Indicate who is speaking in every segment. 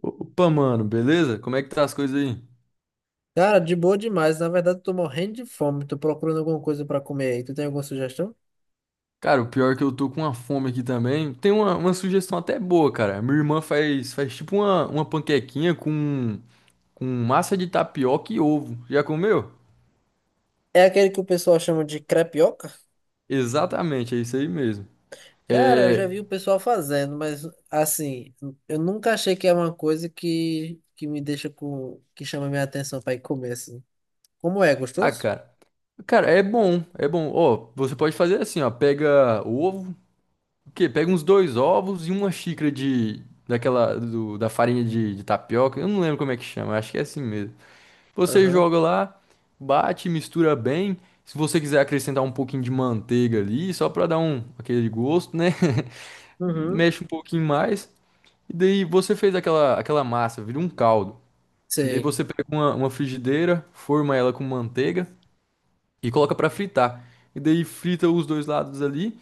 Speaker 1: Opa, mano, beleza? Como é que tá as coisas aí?
Speaker 2: Cara, de boa demais. Na verdade, eu tô morrendo de fome. Tô procurando alguma coisa pra comer aí. Tu tem alguma sugestão?
Speaker 1: Cara, o pior é que eu tô com uma fome aqui também. Tem uma sugestão até boa, cara. Minha irmã faz tipo uma panquequinha com massa de tapioca e ovo. Já comeu?
Speaker 2: É aquele que o pessoal chama de crepioca?
Speaker 1: Exatamente, é isso aí mesmo.
Speaker 2: Cara, eu
Speaker 1: É.
Speaker 2: já vi o pessoal fazendo, mas assim, eu nunca achei que é uma coisa que me deixa com, que chama minha atenção pra ir comer assim. Como é,
Speaker 1: Ah,
Speaker 2: gostoso?
Speaker 1: cara. Cara, é bom. Ó, você pode fazer assim, ó. Pega o ovo, o quê? Pega uns dois ovos e uma xícara de. Daquela. Da farinha de tapioca. Eu não lembro como é que chama, acho que é assim mesmo. Você
Speaker 2: Aham.
Speaker 1: joga lá, bate, mistura bem. Se você quiser acrescentar um pouquinho de manteiga ali, só para dar um aquele gosto, né?
Speaker 2: Uhum.
Speaker 1: Mexe um pouquinho mais. E daí você fez aquela massa, vira um caldo. E daí
Speaker 2: Sei.
Speaker 1: você pega uma frigideira, forma ela com manteiga e coloca para fritar. E daí frita os dois lados ali.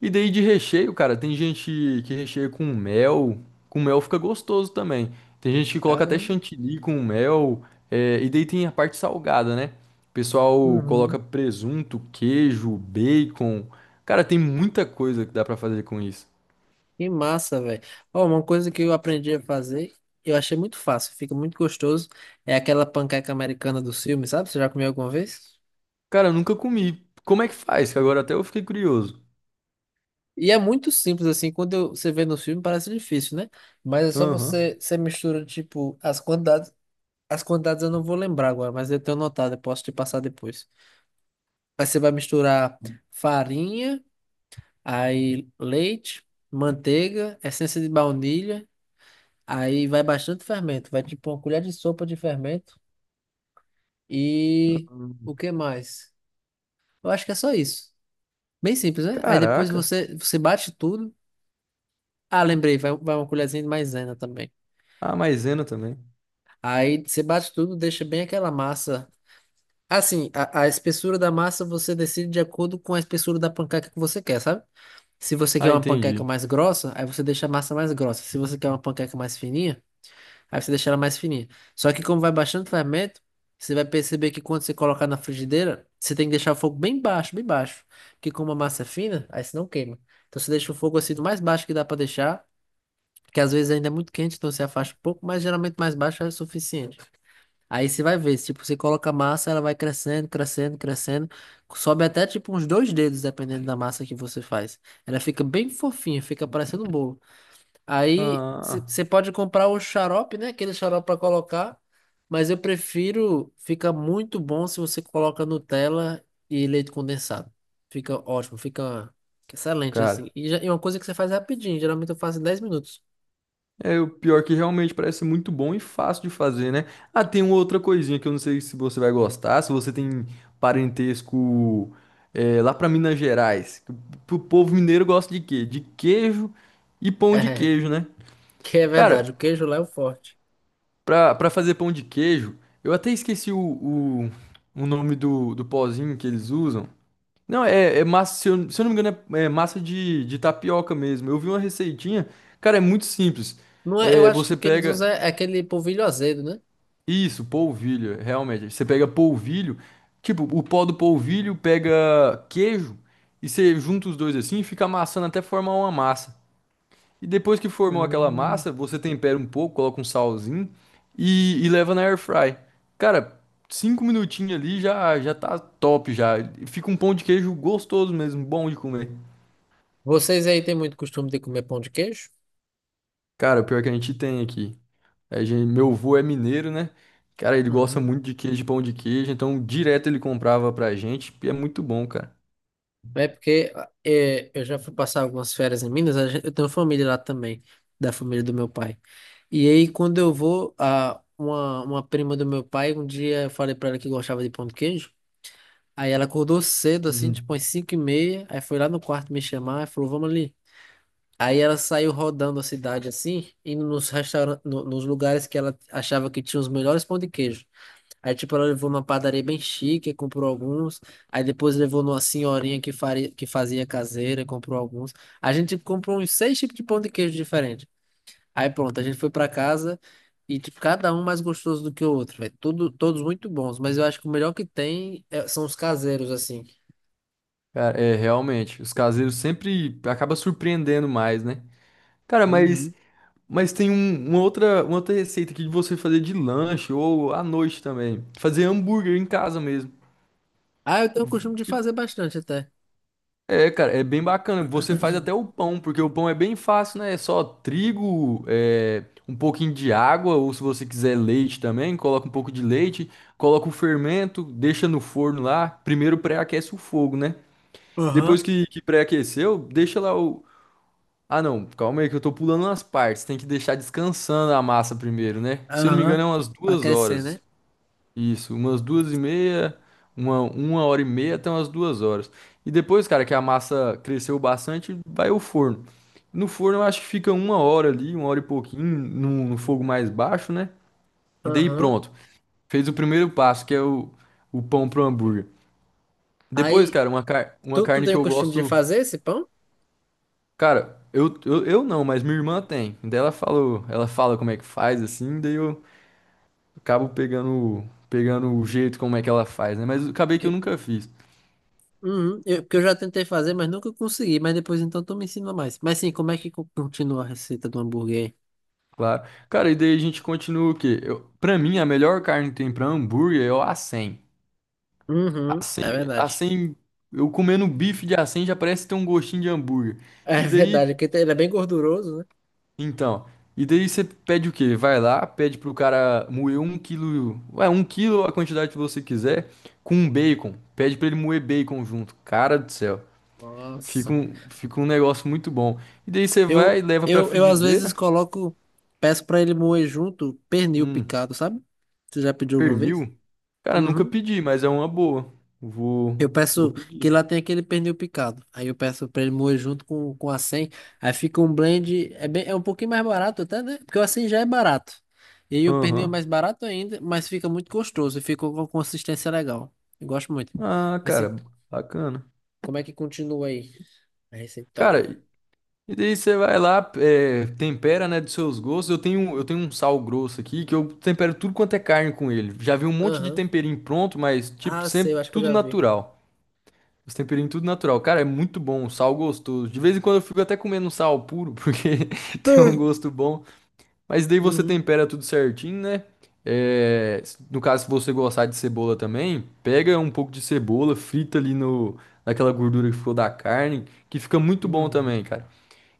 Speaker 1: E daí de recheio, cara, tem gente que recheia com mel. Com mel fica gostoso também. Tem gente que coloca até
Speaker 2: Caramba.
Speaker 1: chantilly com mel. É, e daí tem a parte salgada, né? O pessoal
Speaker 2: Uhum.
Speaker 1: coloca presunto, queijo, bacon. Cara, tem muita coisa que dá pra fazer com isso.
Speaker 2: Que massa, velho. Ó, uma coisa que eu aprendi a fazer, eu achei muito fácil, fica muito gostoso, é aquela panqueca americana do filme, sabe? Você já comeu alguma vez?
Speaker 1: Cara, eu nunca comi. Como é que faz? Que agora até eu fiquei curioso.
Speaker 2: E é muito simples assim, você vê no filme parece difícil, né? Mas é só
Speaker 1: Aham.
Speaker 2: você, você mistura, tipo, as quantidades eu não vou lembrar agora, mas eu tenho notado, eu posso te passar depois. Aí você vai misturar farinha, aí leite, manteiga, essência de baunilha. Aí vai bastante fermento, vai tipo uma colher de sopa de fermento e o
Speaker 1: Hum.
Speaker 2: que mais? Eu acho que é só isso. Bem simples, né? Aí depois
Speaker 1: Caraca.
Speaker 2: você bate tudo. Ah, lembrei, vai uma colherzinha de maisena também.
Speaker 1: A maisena também.
Speaker 2: Aí você bate tudo, deixa bem aquela massa. Assim, a espessura da massa você decide de acordo com a espessura da panqueca que você quer, sabe? Se você quer
Speaker 1: Ah,
Speaker 2: uma panqueca
Speaker 1: entendi.
Speaker 2: mais grossa, aí você deixa a massa mais grossa. Se você quer uma panqueca mais fininha, aí você deixa ela mais fininha. Só que como vai baixando o fermento, você vai perceber que quando você colocar na frigideira, você tem que deixar o fogo bem baixo, bem baixo. Porque como a massa é fina, aí você não queima. Então você deixa o fogo assim do mais baixo que dá pra deixar, que às vezes ainda é muito quente, então você afasta um pouco, mas geralmente mais baixo é o suficiente. Aí você vai ver, tipo, você coloca a massa, ela vai crescendo, crescendo, crescendo, sobe até tipo uns dois dedos, dependendo da massa que você faz. Ela fica bem fofinha, fica parecendo um bolo.
Speaker 1: Ah,
Speaker 2: Aí
Speaker 1: ah,
Speaker 2: você
Speaker 1: ah.
Speaker 2: pode comprar o xarope, né? Aquele xarope para colocar. Mas eu prefiro, fica muito bom se você coloca Nutella e leite condensado. Fica ótimo, fica excelente assim.
Speaker 1: Cara.
Speaker 2: E é uma coisa que você faz rapidinho, geralmente eu faço em 10 minutos.
Speaker 1: É o pior que realmente parece muito bom e fácil de fazer, né? Ah, tem uma outra coisinha que eu não sei se você vai gostar, se você tem parentesco é, lá pra Minas Gerais. Que o povo mineiro gosta de quê? De queijo e pão de
Speaker 2: É,
Speaker 1: queijo, né?
Speaker 2: que é
Speaker 1: Cara,
Speaker 2: verdade, o queijo lá é o forte.
Speaker 1: pra fazer pão de queijo, eu até esqueci o, o nome do pozinho que eles usam. Não, é, é massa, se eu não me engano, é massa de tapioca mesmo. Eu vi uma receitinha, cara, é muito simples.
Speaker 2: Não é, eu
Speaker 1: É,
Speaker 2: acho que
Speaker 1: você
Speaker 2: o que eles
Speaker 1: pega.
Speaker 2: usam é aquele polvilho azedo, né?
Speaker 1: Isso, polvilho, realmente. Você pega polvilho, tipo, o pó do polvilho pega queijo e você junta os dois assim e fica amassando até formar uma massa. E depois que formou aquela
Speaker 2: Hum.
Speaker 1: massa, você tempera um pouco, coloca um salzinho e leva na air fry. Cara, cinco minutinhos ali já tá top já. Fica um pão de queijo gostoso mesmo, bom de comer.
Speaker 2: Vocês aí têm muito costume de comer pão de queijo?
Speaker 1: Cara, o pior é que a gente tem aqui. É, gente, meu avô é mineiro, né? Cara, ele gosta
Speaker 2: Uhum.
Speaker 1: muito de queijo, pão de queijo, então direto ele comprava pra gente, e é muito bom, cara.
Speaker 2: É porque é, eu já fui passar algumas férias em Minas, eu tenho família lá também, da família do meu pai. E aí, quando eu vou, uma prima do meu pai, um dia eu falei pra ela que gostava de pão de queijo, aí ela acordou cedo, assim, tipo
Speaker 1: Uhum.
Speaker 2: às 5:30, aí foi lá no quarto me chamar e falou, vamos ali. Aí ela saiu rodando a cidade, assim, indo nos restaurantes, nos lugares que ela achava que tinha os melhores pão de queijo. Aí, tipo, ela levou numa padaria bem chique, comprou alguns. Aí depois levou numa senhorinha que fazia caseira, comprou alguns. A gente tipo, comprou uns seis tipos de pão de queijo diferente. Aí pronto, a gente foi pra casa e, tipo, cada um mais gostoso do que o outro, velho. Tudo, todos muito bons, mas eu acho que o melhor que tem são os caseiros, assim.
Speaker 1: Cara, é, realmente, os caseiros sempre acaba surpreendendo mais, né? Cara,
Speaker 2: Uhum.
Speaker 1: mas tem uma outra receita aqui de você fazer de lanche ou à noite também. Fazer hambúrguer em casa mesmo.
Speaker 2: Ah, eu tenho o costume de fazer
Speaker 1: Tipo,
Speaker 2: bastante até.
Speaker 1: é, cara, é bem bacana. Você faz até o pão, porque o pão é bem fácil, né? É só trigo, é, um pouquinho de água, ou se você quiser leite também, coloca um pouco de leite, coloca o fermento, deixa no forno lá. Primeiro pré-aquece o fogo, né?
Speaker 2: Aham,
Speaker 1: Depois que pré-aqueceu, deixa lá o. Ah, não, calma aí que eu tô pulando umas partes. Tem que deixar descansando a massa primeiro, né? Se eu não me engano,
Speaker 2: aham.
Speaker 1: é umas
Speaker 2: Pra
Speaker 1: duas
Speaker 2: crescer, né?
Speaker 1: horas. Isso, umas duas e meia, uma hora e meia até umas duas horas. E depois, cara, que a massa cresceu bastante, vai ao forno. No forno eu acho que fica uma hora ali, uma hora e pouquinho, no fogo mais baixo, né? E daí
Speaker 2: Aham.
Speaker 1: pronto. Fez o primeiro passo, que é o pão pro hambúrguer. Depois,
Speaker 2: Aí,
Speaker 1: cara, uma, car uma
Speaker 2: tu
Speaker 1: carne
Speaker 2: tem
Speaker 1: que
Speaker 2: o
Speaker 1: eu
Speaker 2: costume de
Speaker 1: gosto.
Speaker 2: fazer esse pão?
Speaker 1: Cara, eu não, mas minha irmã tem. Daí ela falou, ela fala como é que faz, assim, daí eu acabo pegando, pegando o jeito como é que ela faz, né? Mas acabei que eu nunca fiz.
Speaker 2: Uhum, eu, porque eu já tentei fazer, mas nunca consegui. Mas depois então tu me ensina mais. Mas sim, como é que continua a receita do hambúrguer aí?
Speaker 1: Claro. Cara, e daí a gente continua o quê? Eu, pra mim, a melhor carne que tem pra hambúrguer é o acém.
Speaker 2: Uhum,
Speaker 1: Acém,
Speaker 2: é verdade.
Speaker 1: acém, eu comendo bife de acém já parece ter um gostinho de hambúrguer.
Speaker 2: É
Speaker 1: E daí,
Speaker 2: verdade, porque ele é bem gorduroso, né?
Speaker 1: então, e daí você pede o quê? Vai lá, pede pro cara moer um quilo, ué, um quilo a quantidade que você quiser, com um bacon. Pede pra ele moer bacon junto. Cara do céu,
Speaker 2: Nossa.
Speaker 1: fica um negócio muito bom. E daí você vai,
Speaker 2: Eu,
Speaker 1: leva pra
Speaker 2: eu, eu às vezes
Speaker 1: frigideira,
Speaker 2: coloco, peço pra ele moer junto pernil
Speaker 1: hum,
Speaker 2: picado, sabe? Você já pediu alguma vez?
Speaker 1: pernil. Cara, nunca
Speaker 2: Uhum.
Speaker 1: pedi, mas é uma boa. Vou,
Speaker 2: Eu
Speaker 1: vou
Speaker 2: peço que
Speaker 1: pedir.
Speaker 2: lá tem aquele pernil picado. Aí eu peço pra ele moer junto com a 100. Aí fica um blend. É, bem, é um pouquinho mais barato até, né? Porque o assim já é barato. E aí o pernil é
Speaker 1: Aham.
Speaker 2: mais barato ainda, mas fica muito gostoso. E fica com uma consistência legal. Eu gosto muito.
Speaker 1: Ah,
Speaker 2: Mas assim,
Speaker 1: cara, bacana.
Speaker 2: como é que continua aí? A
Speaker 1: Cara,
Speaker 2: receitona.
Speaker 1: e daí você vai lá, é, tempera, né, dos seus gostos. Eu tenho um sal grosso aqui que eu tempero tudo quanto é carne com ele. Já vi um monte de
Speaker 2: Aham.
Speaker 1: temperinho pronto, mas, tipo,
Speaker 2: Ah, sei, eu
Speaker 1: sempre
Speaker 2: acho que eu
Speaker 1: tudo
Speaker 2: já vi.
Speaker 1: natural. Os temperinhos tudo natural. Cara, é muito bom, um sal gostoso. De vez em quando eu fico até comendo um sal puro, porque tem um
Speaker 2: Hum.
Speaker 1: gosto bom. Mas daí você
Speaker 2: Uhum.
Speaker 1: tempera tudo certinho, né? É, no caso, se você gostar de cebola também, pega um pouco de cebola, frita ali no, naquela gordura que ficou da carne, que fica muito bom
Speaker 2: Uhum.
Speaker 1: também, cara.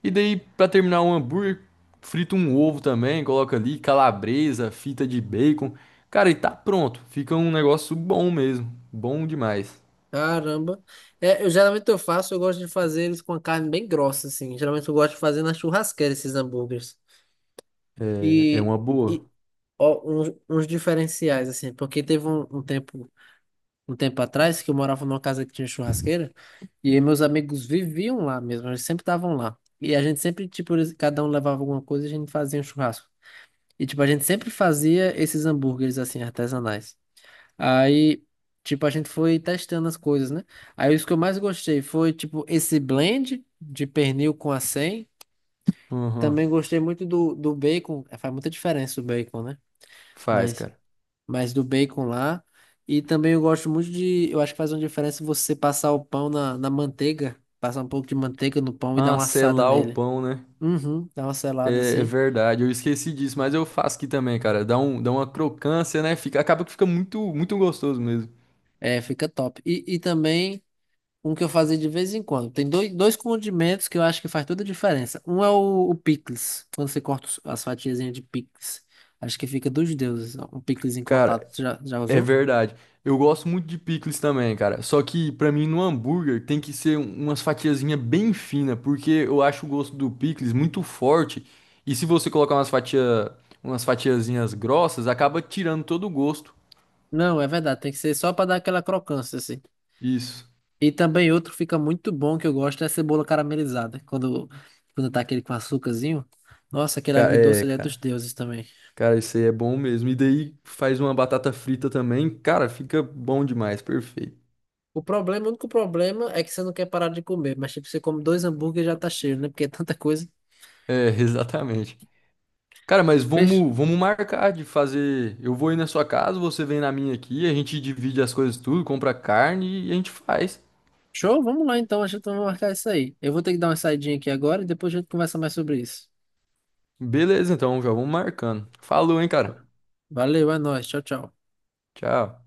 Speaker 1: E daí, pra terminar um hambúrguer, frita um ovo também, coloca ali calabresa, fita de bacon. Cara, e tá pronto. Fica um negócio bom mesmo. Bom demais.
Speaker 2: Caramba. É, eu geralmente eu faço, eu gosto de fazer eles com a carne bem grossa, assim. Geralmente eu gosto de fazer na churrasqueira esses hambúrgueres.
Speaker 1: É, é
Speaker 2: E,
Speaker 1: uma
Speaker 2: e
Speaker 1: boa.
Speaker 2: ó, uns diferenciais, assim, porque teve um tempo, um tempo atrás que eu morava numa casa que tinha churrasqueira, e aí meus amigos viviam lá mesmo, eles sempre estavam lá. E a gente sempre, tipo, cada um levava alguma coisa e a gente fazia um churrasco. E, tipo, a gente sempre fazia esses hambúrgueres, assim, artesanais. Aí, tipo, a gente foi testando as coisas, né? Aí, os que eu mais gostei foi, tipo, esse blend de pernil com acém. Também
Speaker 1: Aham.
Speaker 2: gostei muito do bacon, é, faz muita diferença o bacon, né?
Speaker 1: Faz,
Speaker 2: Mas
Speaker 1: cara.
Speaker 2: mas do bacon lá. E também eu gosto muito de. Eu acho que faz uma diferença você passar o pão na manteiga, passar um pouco de manteiga no pão e dar
Speaker 1: Ah,
Speaker 2: uma assada
Speaker 1: selar o
Speaker 2: nele.
Speaker 1: pão, né?
Speaker 2: Uhum, dá uma selada
Speaker 1: É, é
Speaker 2: assim.
Speaker 1: verdade, eu esqueci disso, mas eu faço aqui também, cara. Dá uma crocância, né? Fica, acaba que fica muito gostoso mesmo.
Speaker 2: É, fica top. E também um que eu fazia de vez em quando. Tem dois condimentos que eu acho que faz toda a diferença. Um é o picles, quando você corta as fatiazinhas de picles. Acho que fica dos deuses, ó, um piclesinho cortado.
Speaker 1: Cara,
Speaker 2: Você já
Speaker 1: é
Speaker 2: usou?
Speaker 1: verdade. Eu gosto muito de picles também, cara. Só que pra mim no hambúrguer tem que ser umas fatiazinhas bem finas, porque eu acho o gosto do picles muito forte. E se você colocar umas fatiazinhas grossas, acaba tirando todo o gosto.
Speaker 2: Não, é verdade, tem que ser só para dar aquela crocância assim.
Speaker 1: Isso.
Speaker 2: E também outro fica muito bom que eu gosto é a cebola caramelizada. Quando, quando tá aquele com açúcarzinho. Nossa, aquele
Speaker 1: Cara,
Speaker 2: agridoce
Speaker 1: é,
Speaker 2: ali é dos
Speaker 1: cara.
Speaker 2: deuses também.
Speaker 1: Cara, isso aí é bom mesmo. E daí faz uma batata frita também. Cara, fica bom demais, perfeito.
Speaker 2: O problema, o único problema é que você não quer parar de comer. Mas tipo, você come dois hambúrgueres e já tá cheio, né? Porque é tanta coisa.
Speaker 1: É, exatamente. Cara, mas
Speaker 2: Fez?
Speaker 1: vamos marcar de fazer. Eu vou ir na sua casa, você vem na minha aqui, a gente divide as coisas tudo, compra carne e a gente faz.
Speaker 2: Show? Vamos lá então. A gente vai marcar isso aí. Eu vou ter que dar uma saidinha aqui agora e depois a gente conversa mais sobre isso.
Speaker 1: Beleza, então, já vamos marcando. Falou, hein, cara.
Speaker 2: Valeu, é nóis. Tchau, tchau.
Speaker 1: Tchau.